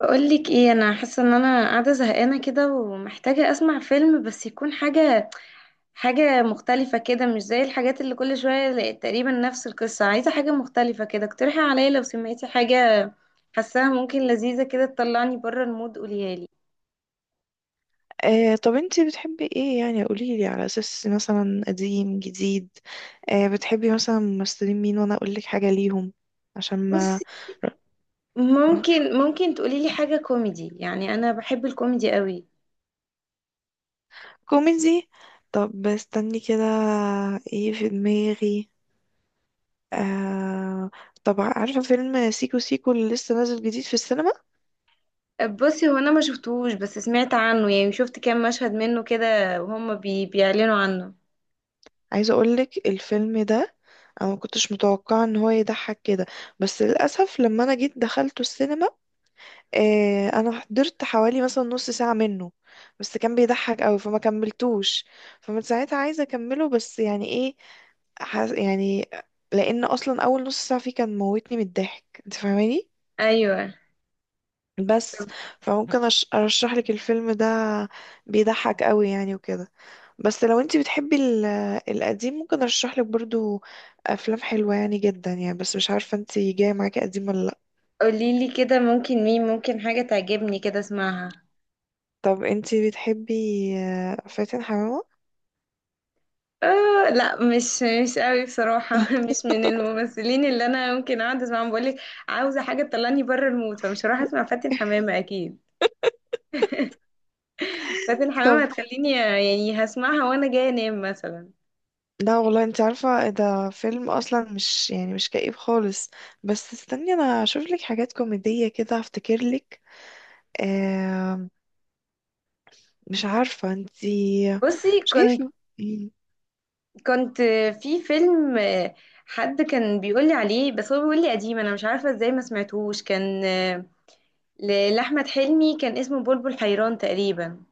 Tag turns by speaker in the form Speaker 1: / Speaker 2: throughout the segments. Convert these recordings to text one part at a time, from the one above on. Speaker 1: بقولك ايه، انا حاسه ان انا قاعده زهقانه كده ومحتاجه اسمع فيلم، بس يكون حاجه مختلفه كده. مش زي الحاجات اللي كل شويه تقريبا نفس القصه. عايزه حاجه مختلفه كده، اقترحي عليا لو سمعتي حاجه حاساها ممكن لذيذه كده تطلعني بره المود، قوليها لي.
Speaker 2: آه، طب انتي بتحبي ايه يعني؟ قوليلي على اساس مثلا قديم جديد. آه، بتحبي مثلا ممثلين مين وانا اقولك حاجة ليهم عشان ما.
Speaker 1: بصي، ممكن تقولي لي حاجه كوميدي، يعني انا بحب الكوميدي قوي.
Speaker 2: كوميدي. طب استني كده، ايه في دماغي. آه، طب عارفة فيلم سيكو سيكو اللي لسه نازل جديد في السينما؟
Speaker 1: بصي، هو انا ما شفتهوش، بس سمعت عنه، يعني شفت كام مشهد منه كده، وهم بيعلنوا عنه.
Speaker 2: عايزة اقولك الفيلم ده، انا ما كنتش متوقعة ان هو يضحك كده. بس للأسف لما انا جيت دخلته السينما، انا حضرت حوالي مثلا نص ساعة منه. بس كان بيضحك قوي فما كملتوش. فمن ساعتها عايزة اكمله، بس يعني ايه. يعني لان اصلا اول نص ساعة فيه كان موتني من الضحك، انت فاهماني؟
Speaker 1: ايوه.
Speaker 2: بس فممكن ارشح لك الفيلم ده، بيضحك قوي يعني وكده. بس لو انت بتحبي القديم ممكن ارشح لك برضو افلام حلوة يعني جدا يعني، بس مش عارفة انت جاية معاكي قديم ولا لا.
Speaker 1: قوليلي كده، ممكن حاجة تعجبني كده اسمعها.
Speaker 2: طب انت بتحبي فاتن حمامة؟
Speaker 1: آه لا، مش قوي بصراحة مش من الممثلين اللي انا ممكن اقعد اسمعهم. بقولك، عاوزة حاجة تطلعني بره المود، فمش هروح اسمع فاتن حمامة اكيد. فاتن حمامة
Speaker 2: طب
Speaker 1: هتخليني، يعني هسمعها وانا جاية انام مثلا.
Speaker 2: لا والله انت عارفة ده فيلم اصلا مش يعني مش كئيب خالص. بس استني انا اشوف لك حاجات كوميدية كده افتكر لك. آه، مش عارفة انت،
Speaker 1: بصي،
Speaker 2: مش جاي في
Speaker 1: كنت
Speaker 2: مم.
Speaker 1: كنت في فيلم حد كان بيقولي عليه، بس هو بيقولي قديم، انا مش عارفة ازاي ما سمعتهوش. كان لأحمد حلمي، كان اسمه بلبل حيران تقريبا.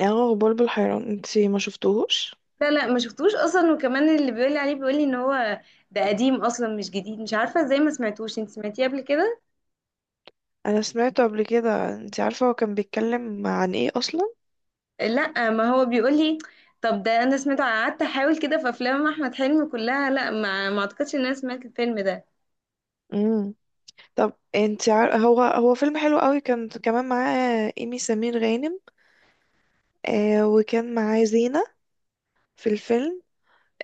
Speaker 2: اه، بلبل حيران، انت ما شفتوهوش؟
Speaker 1: لا لا، ما شفتوش اصلا، وكمان اللي بيقول لي عليه بيقول لي ان هو ده قديم اصلا مش جديد، مش عارفه ازاي ما سمعتوش. انت سمعتيه قبل كده؟
Speaker 2: انا سمعته قبل كده. انت عارفة هو كان بيتكلم عن ايه اصلا؟
Speaker 1: لا، ما هو بيقول لي. طب ده انا سمعته، قعدت احاول كده في افلام احمد حلمي كلها، لا ما اعتقدش ان انا سمعت الفيلم ده.
Speaker 2: امم، طب انت هو فيلم حلو قوي، كان كمان معاه ايمي سمير غانم. آه، وكان معاه زينة في الفيلم.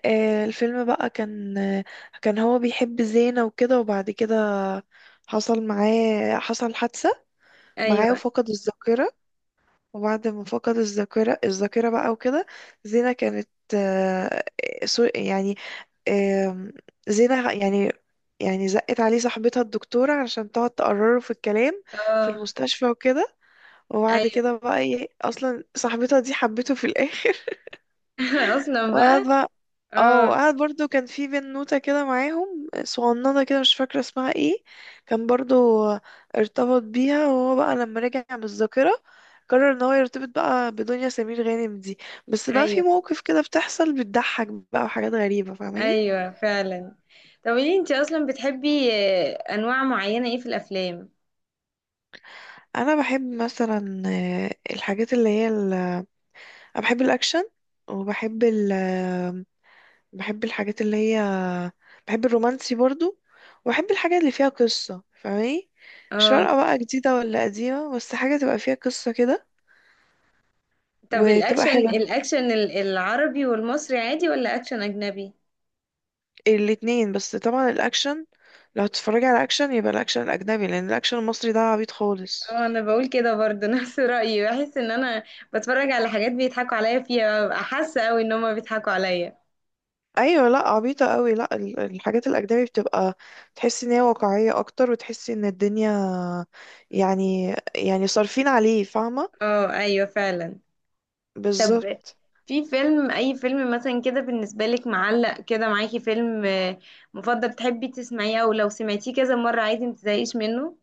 Speaker 2: آه، الفيلم بقى كان، آه، كان هو بيحب زينة وكده. وبعد كده حصل معاه، حصل حادثة معاه
Speaker 1: ايوه.
Speaker 2: وفقد الذاكرة. وبعد ما فقد الذاكرة بقى وكده، زينة كانت، آه، يعني، آم، زينة يعني، يعني زقت عليه صاحبتها الدكتورة عشان تقعد تقرره في الكلام في
Speaker 1: اه،
Speaker 2: المستشفى وكده. وبعد
Speaker 1: ايوه.
Speaker 2: كده بقى ايه، اصلا صاحبتها دي حبته في الاخر
Speaker 1: اصلا بقى.
Speaker 2: وقاعدة. اه،
Speaker 1: اه،
Speaker 2: وقعد برضو كان في بنوتة كده معاهم صغننة كده، مش فاكرة اسمها ايه، كان برضو ارتبط بيها. وهو بقى لما رجع بالذاكرة قرر ان هو يرتبط بقى بدنيا سمير غانم دي. بس بقى في
Speaker 1: ايوه،
Speaker 2: مواقف كده بتحصل بتضحك بقى وحاجات غريبة، فاهماني؟
Speaker 1: ايوه فعلا. طب ليه انت اصلا بتحبي انواع معينه ايه في الافلام؟
Speaker 2: انا بحب مثلا، الحاجات اللي هي انا بحب الاكشن، وبحب بحب الحاجات اللي هي، بحب الرومانسي برضو، وبحب الحاجات اللي فيها قصة، فاهماني؟ مش
Speaker 1: اه.
Speaker 2: فارقة بقى جديدة ولا قديمة، بس حاجة تبقى فيها قصة كده
Speaker 1: طب
Speaker 2: وتبقى
Speaker 1: الاكشن
Speaker 2: حلوة.
Speaker 1: الاكشن العربي والمصري عادي، ولا اكشن اجنبي؟
Speaker 2: الاتنين، بس طبعا الأكشن، لو هتتفرجي على أكشن يبقى الأكشن الأجنبي، لأن الأكشن المصري ده عبيط خالص.
Speaker 1: اه انا بقول كده برضه نفس رأيي. بحس ان انا بتفرج على حاجات بيضحكوا عليا فيها، ببقى حاسة قوي ان هما بيضحكوا عليا.
Speaker 2: أيوة، لأ عبيطة قوي. لأ، الحاجات الأجنبي بتبقى تحسي إن هي واقعية أكتر، وتحسي إن الدنيا يعني، يعني صارفين عليه، فاهمة؟
Speaker 1: اه، ايوه فعلا. طب
Speaker 2: بالظبط.
Speaker 1: في فيلم اي فيلم مثلا كده بالنسبة لك معلق كده معاكي، فيلم مفضل، بتحبي تسمعيه او لو سمعتيه كذا مرة عادي متزهقيش منه؟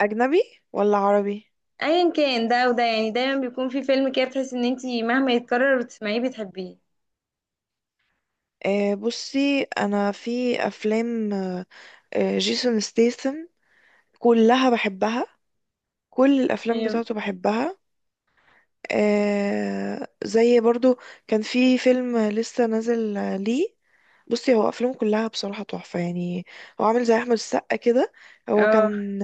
Speaker 2: أجنبي ولا عربي؟
Speaker 1: ايا كان ده وده، يعني دايما بيكون في فيلم كده بتحسي ان انتي مهما يتكرر وتسمعيه بتحبيه.
Speaker 2: آه، بصي انا في افلام، آه، آه، جيسون ستيثم كلها بحبها، كل الافلام
Speaker 1: تمام.
Speaker 2: بتاعته بحبها. آه، زي برضو كان في فيلم لسه نازل، ليه. بصي هو افلامه كلها بصراحه تحفه يعني، هو عامل زي احمد السقا كده. هو
Speaker 1: اه،
Speaker 2: كان،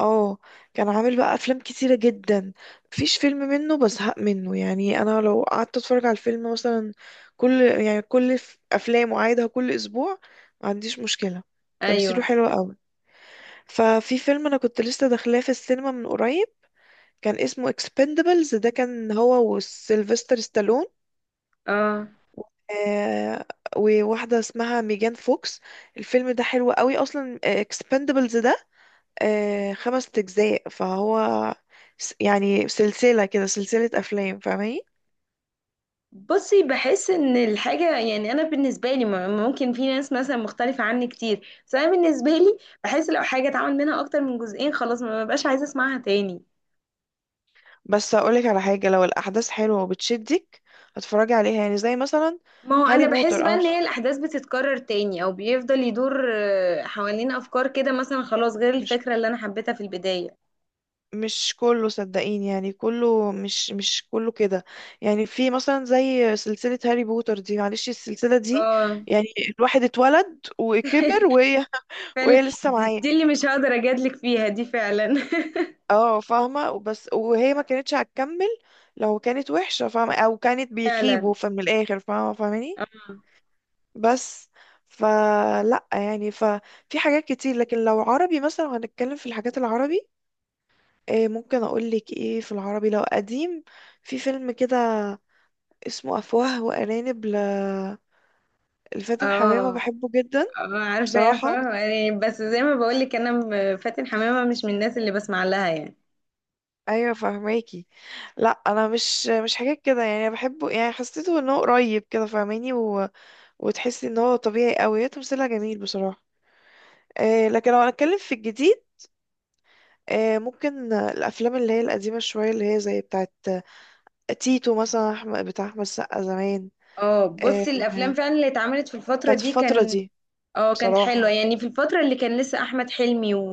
Speaker 2: اه، كان عامل بقى افلام كتيره جدا. مفيش فيلم منه بزهق منه، يعني انا لو قعدت اتفرج على الفيلم مثلا، كل يعني كل افلامه عايدها كل اسبوع ما عنديش مشكله. تمثيله
Speaker 1: ايوه.
Speaker 2: حلو قوي. ففي فيلم انا كنت لسه داخلاه في السينما من قريب، كان اسمه اكسبندبلز، ده كان هو وسيلفستر ستالون،
Speaker 1: اه.
Speaker 2: آه، وواحدة اسمها ميجان فوكس. الفيلم ده حلو قوي أصلا، اكسبندبلز ده آه خمس أجزاء، فهو يعني سلسلة كده، سلسلة أفلام فاهماني؟
Speaker 1: بصي، بحس ان الحاجة، يعني انا بالنسبة لي ممكن في ناس مثلا مختلفة عني كتير، بس انا بالنسبة لي بحس لو حاجة اتعمل منها اكتر من جزئين خلاص ما ببقاش عايزة اسمعها تاني.
Speaker 2: بس أقولك على حاجة، لو الأحداث حلوة وبتشدك هتفرجي عليها، يعني زي مثلا
Speaker 1: ما هو انا
Speaker 2: هاري
Speaker 1: بحس
Speaker 2: بوتر.
Speaker 1: بقى
Speaker 2: أنا
Speaker 1: ان
Speaker 2: مش،
Speaker 1: هي الاحداث بتتكرر تاني، او بيفضل يدور حوالين افكار كده مثلا، خلاص غير
Speaker 2: مش-
Speaker 1: الفكرة اللي انا حبيتها في البداية.
Speaker 2: مش كله، صدقيني يعني كله مش، مش كله كده. يعني في مثلا زي سلسلة هاري بوتر دي، معلش السلسلة دي
Speaker 1: اه
Speaker 2: يعني الواحد اتولد وكبر وهي
Speaker 1: فعلا،
Speaker 2: وهي لسه
Speaker 1: دي,
Speaker 2: معاه.
Speaker 1: دي اللي مش هقدر اجادلك فيها، دي فعلا.
Speaker 2: اه فاهمة، بس وهي ما كانتش هتكمل لو كانت وحشة، فاهمة؟ او كانت
Speaker 1: فعلا.
Speaker 2: بيخيبوا فمن الاخر، فاهمة؟ فاهماني؟
Speaker 1: اه،
Speaker 2: بس فلا يعني، ففي حاجات كتير. لكن لو عربي مثلا هنتكلم في الحاجات العربي، إيه ممكن اقول لك ايه في العربي؟ لو قديم، في فيلم كده اسمه أفواه وأرانب، لفاتن حمامة،
Speaker 1: اه،
Speaker 2: بحبه جدا
Speaker 1: اه، عارفاه،
Speaker 2: بصراحة.
Speaker 1: فاهمة يعني، بس زي ما بقولك انا فاتن حمامة مش من الناس اللي بسمع لها يعني.
Speaker 2: أيوة فهماكي، لا أنا مش، مش حاجات كده يعني، أنا بحبه يعني، حسيته إن هو قريب كده فاهماني. و... وتحسي إن هو طبيعي أوي، هي تمثيلها جميل بصراحة. آه، لكن لو هنتكلم في الجديد، آه، ممكن الأفلام اللي هي القديمة شوية، اللي هي زي بتاعت تيتو مثلا، أحمد بتاع أحمد السقا زمان.
Speaker 1: اه.
Speaker 2: آه،
Speaker 1: بصي الافلام فعلا اللي اتعملت في الفترة
Speaker 2: بتاعت
Speaker 1: دي
Speaker 2: الفترة
Speaker 1: كان.
Speaker 2: دي.
Speaker 1: اه، كانت
Speaker 2: بصراحة،
Speaker 1: حلوة يعني في الفترة اللي كان لسه احمد حلمي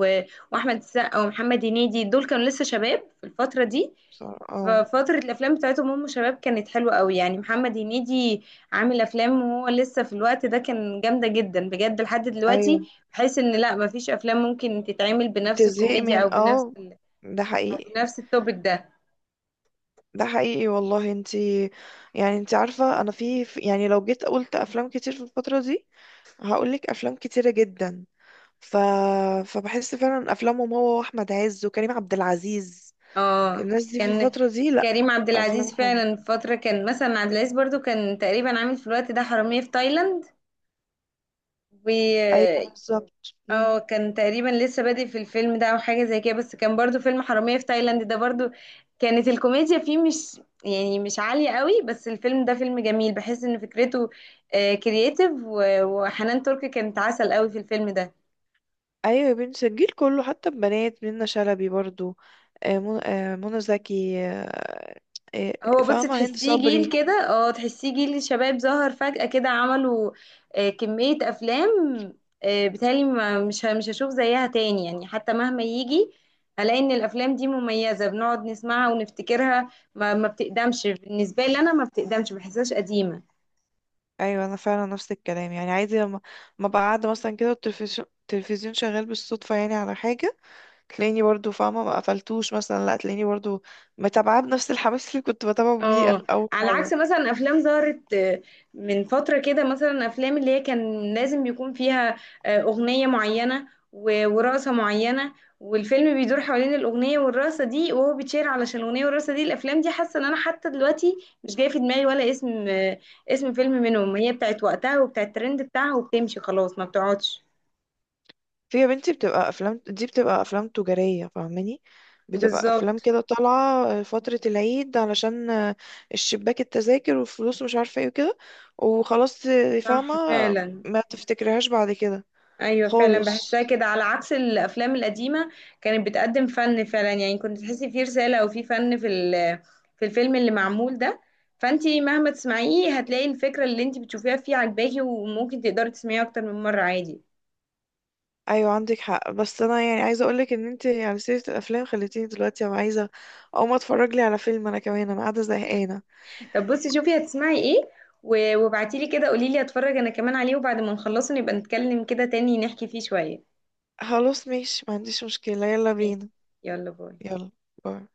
Speaker 1: واحمد السقا ومحمد هنيدي، دول كانوا لسه شباب في الفترة دي.
Speaker 2: بصراحة اه.
Speaker 1: ففترة الافلام بتاعتهم هم شباب كانت حلوة قوي، يعني محمد هنيدي عامل افلام وهو لسه في الوقت ده، كان جامدة جدا بجد لحد دلوقتي،
Speaker 2: أيوة،
Speaker 1: بحيث ان لا، مفيش افلام ممكن تتعمل بنفس
Speaker 2: بتزهقي
Speaker 1: الكوميديا او
Speaker 2: من، اه ده حقيقي،
Speaker 1: نفس التوبيك ده.
Speaker 2: ده حقيقي والله. انتي يعني انتي عارفة انا في يعني لو جيت قلت افلام كتير في الفترة دي هقولك افلام كتيرة جدا. ف... فبحس فعلا افلامهم هو واحمد عز وكريم عبد العزيز،
Speaker 1: اه
Speaker 2: الناس دي في
Speaker 1: كان
Speaker 2: الفترة دي، لا
Speaker 1: كريم عبد العزيز
Speaker 2: افلام حلوة.
Speaker 1: فعلا في فترة كان مثلا، عبد العزيز برضو كان تقريبا عامل في الوقت ده حرامية في تايلاند، و
Speaker 2: ايوه بالظبط.
Speaker 1: اه، كان تقريبا لسه بادئ في الفيلم ده او حاجة زي كده، بس كان برضو فيلم حرامية في تايلاند ده برضو، كانت الكوميديا فيه مش، يعني مش عالية قوي، بس الفيلم ده فيلم جميل، بحس ان فكرته كرييتيف. وحنان ترك كانت عسل قوي في الفيلم ده.
Speaker 2: ايوه يا بنتي الجيل كله، حتى البنات منة شلبي برضو، آه، آه، منى زكي، آه، آه،
Speaker 1: هو بصي
Speaker 2: فاهمة، هند
Speaker 1: تحسيه جيل
Speaker 2: صبري.
Speaker 1: كده، اه، تحسيه جيل شباب ظهر فجأة كده، عملوا كمية أفلام. بيتهيألي مش هشوف زيها تاني يعني، حتى مهما يجي هلاقي إن الأفلام دي مميزة، بنقعد نسمعها ونفتكرها. ما بتقدمش بالنسبة لي، أنا ما بتقدمش، ما بحسهاش قديمة.
Speaker 2: ايوه انا فعلا نفس الكلام، يعني عادي لما ما بقى قاعده مثلا كده، والتلفزيون التلفزيون شغال بالصدفه يعني على حاجه، تلاقيني برضو فاهمه ما قفلتوش مثلا، لا تلاقيني برضو متابعاه بنفس الحماس اللي كنت بتابعه بيه
Speaker 1: اه،
Speaker 2: اول
Speaker 1: على عكس
Speaker 2: مره.
Speaker 1: مثلا افلام ظهرت من فتره كده، مثلا افلام اللي هي كان لازم يكون فيها اغنيه معينه ورقصه معينه، والفيلم بيدور حوالين الاغنيه والرقصه دي، وهو بيتشير علشان الاغنيه والرقصه دي. الافلام دي حاسه ان انا حتى دلوقتي مش جاي في دماغي ولا اسم اسم فيلم منهم. هي بتاعت وقتها وبتاعت الترند بتاعها، وبتمشي خلاص ما بتقعدش.
Speaker 2: في يا بنتي، بتبقى افلام دي بتبقى افلام تجاريه فاهماني، بتبقى افلام
Speaker 1: بالظبط.
Speaker 2: كده طالعه فتره العيد علشان الشباك التذاكر والفلوس ومش عارفه ايه وكده، وخلاص فاهمه،
Speaker 1: صح فعلا.
Speaker 2: ما تفتكرهاش بعد كده
Speaker 1: ايوه فعلا بحسها
Speaker 2: خالص.
Speaker 1: كده، على عكس الافلام القديمه كانت بتقدم فن فعلا، يعني كنت تحسي في رساله او في فن في في الفيلم اللي معمول ده. فانتي مهما تسمعيه هتلاقي الفكره اللي انتي بتشوفيها فيه عجباكي، وممكن تقدري تسمعيه اكتر من مره عادي.
Speaker 2: ايوه عندك حق، بس انا يعني عايزه اقولك ان انت على سيره الافلام خليتيني دلوقتي ابقى عايزه اقوم اتفرج لي على فيلم، انا كمان انا قاعده زهقانه.
Speaker 1: طب بصي شوفي هتسمعي ايه، وابعتيلي كده، قوليلي اتفرج انا كمان عليه، وبعد ما نخلصه نبقى نتكلم كده تاني نحكي فيه شويه.
Speaker 2: خلاص ماشي ما عنديش مشكله، يلا
Speaker 1: ماشي.
Speaker 2: بينا.
Speaker 1: يلا باي.
Speaker 2: يلا باي.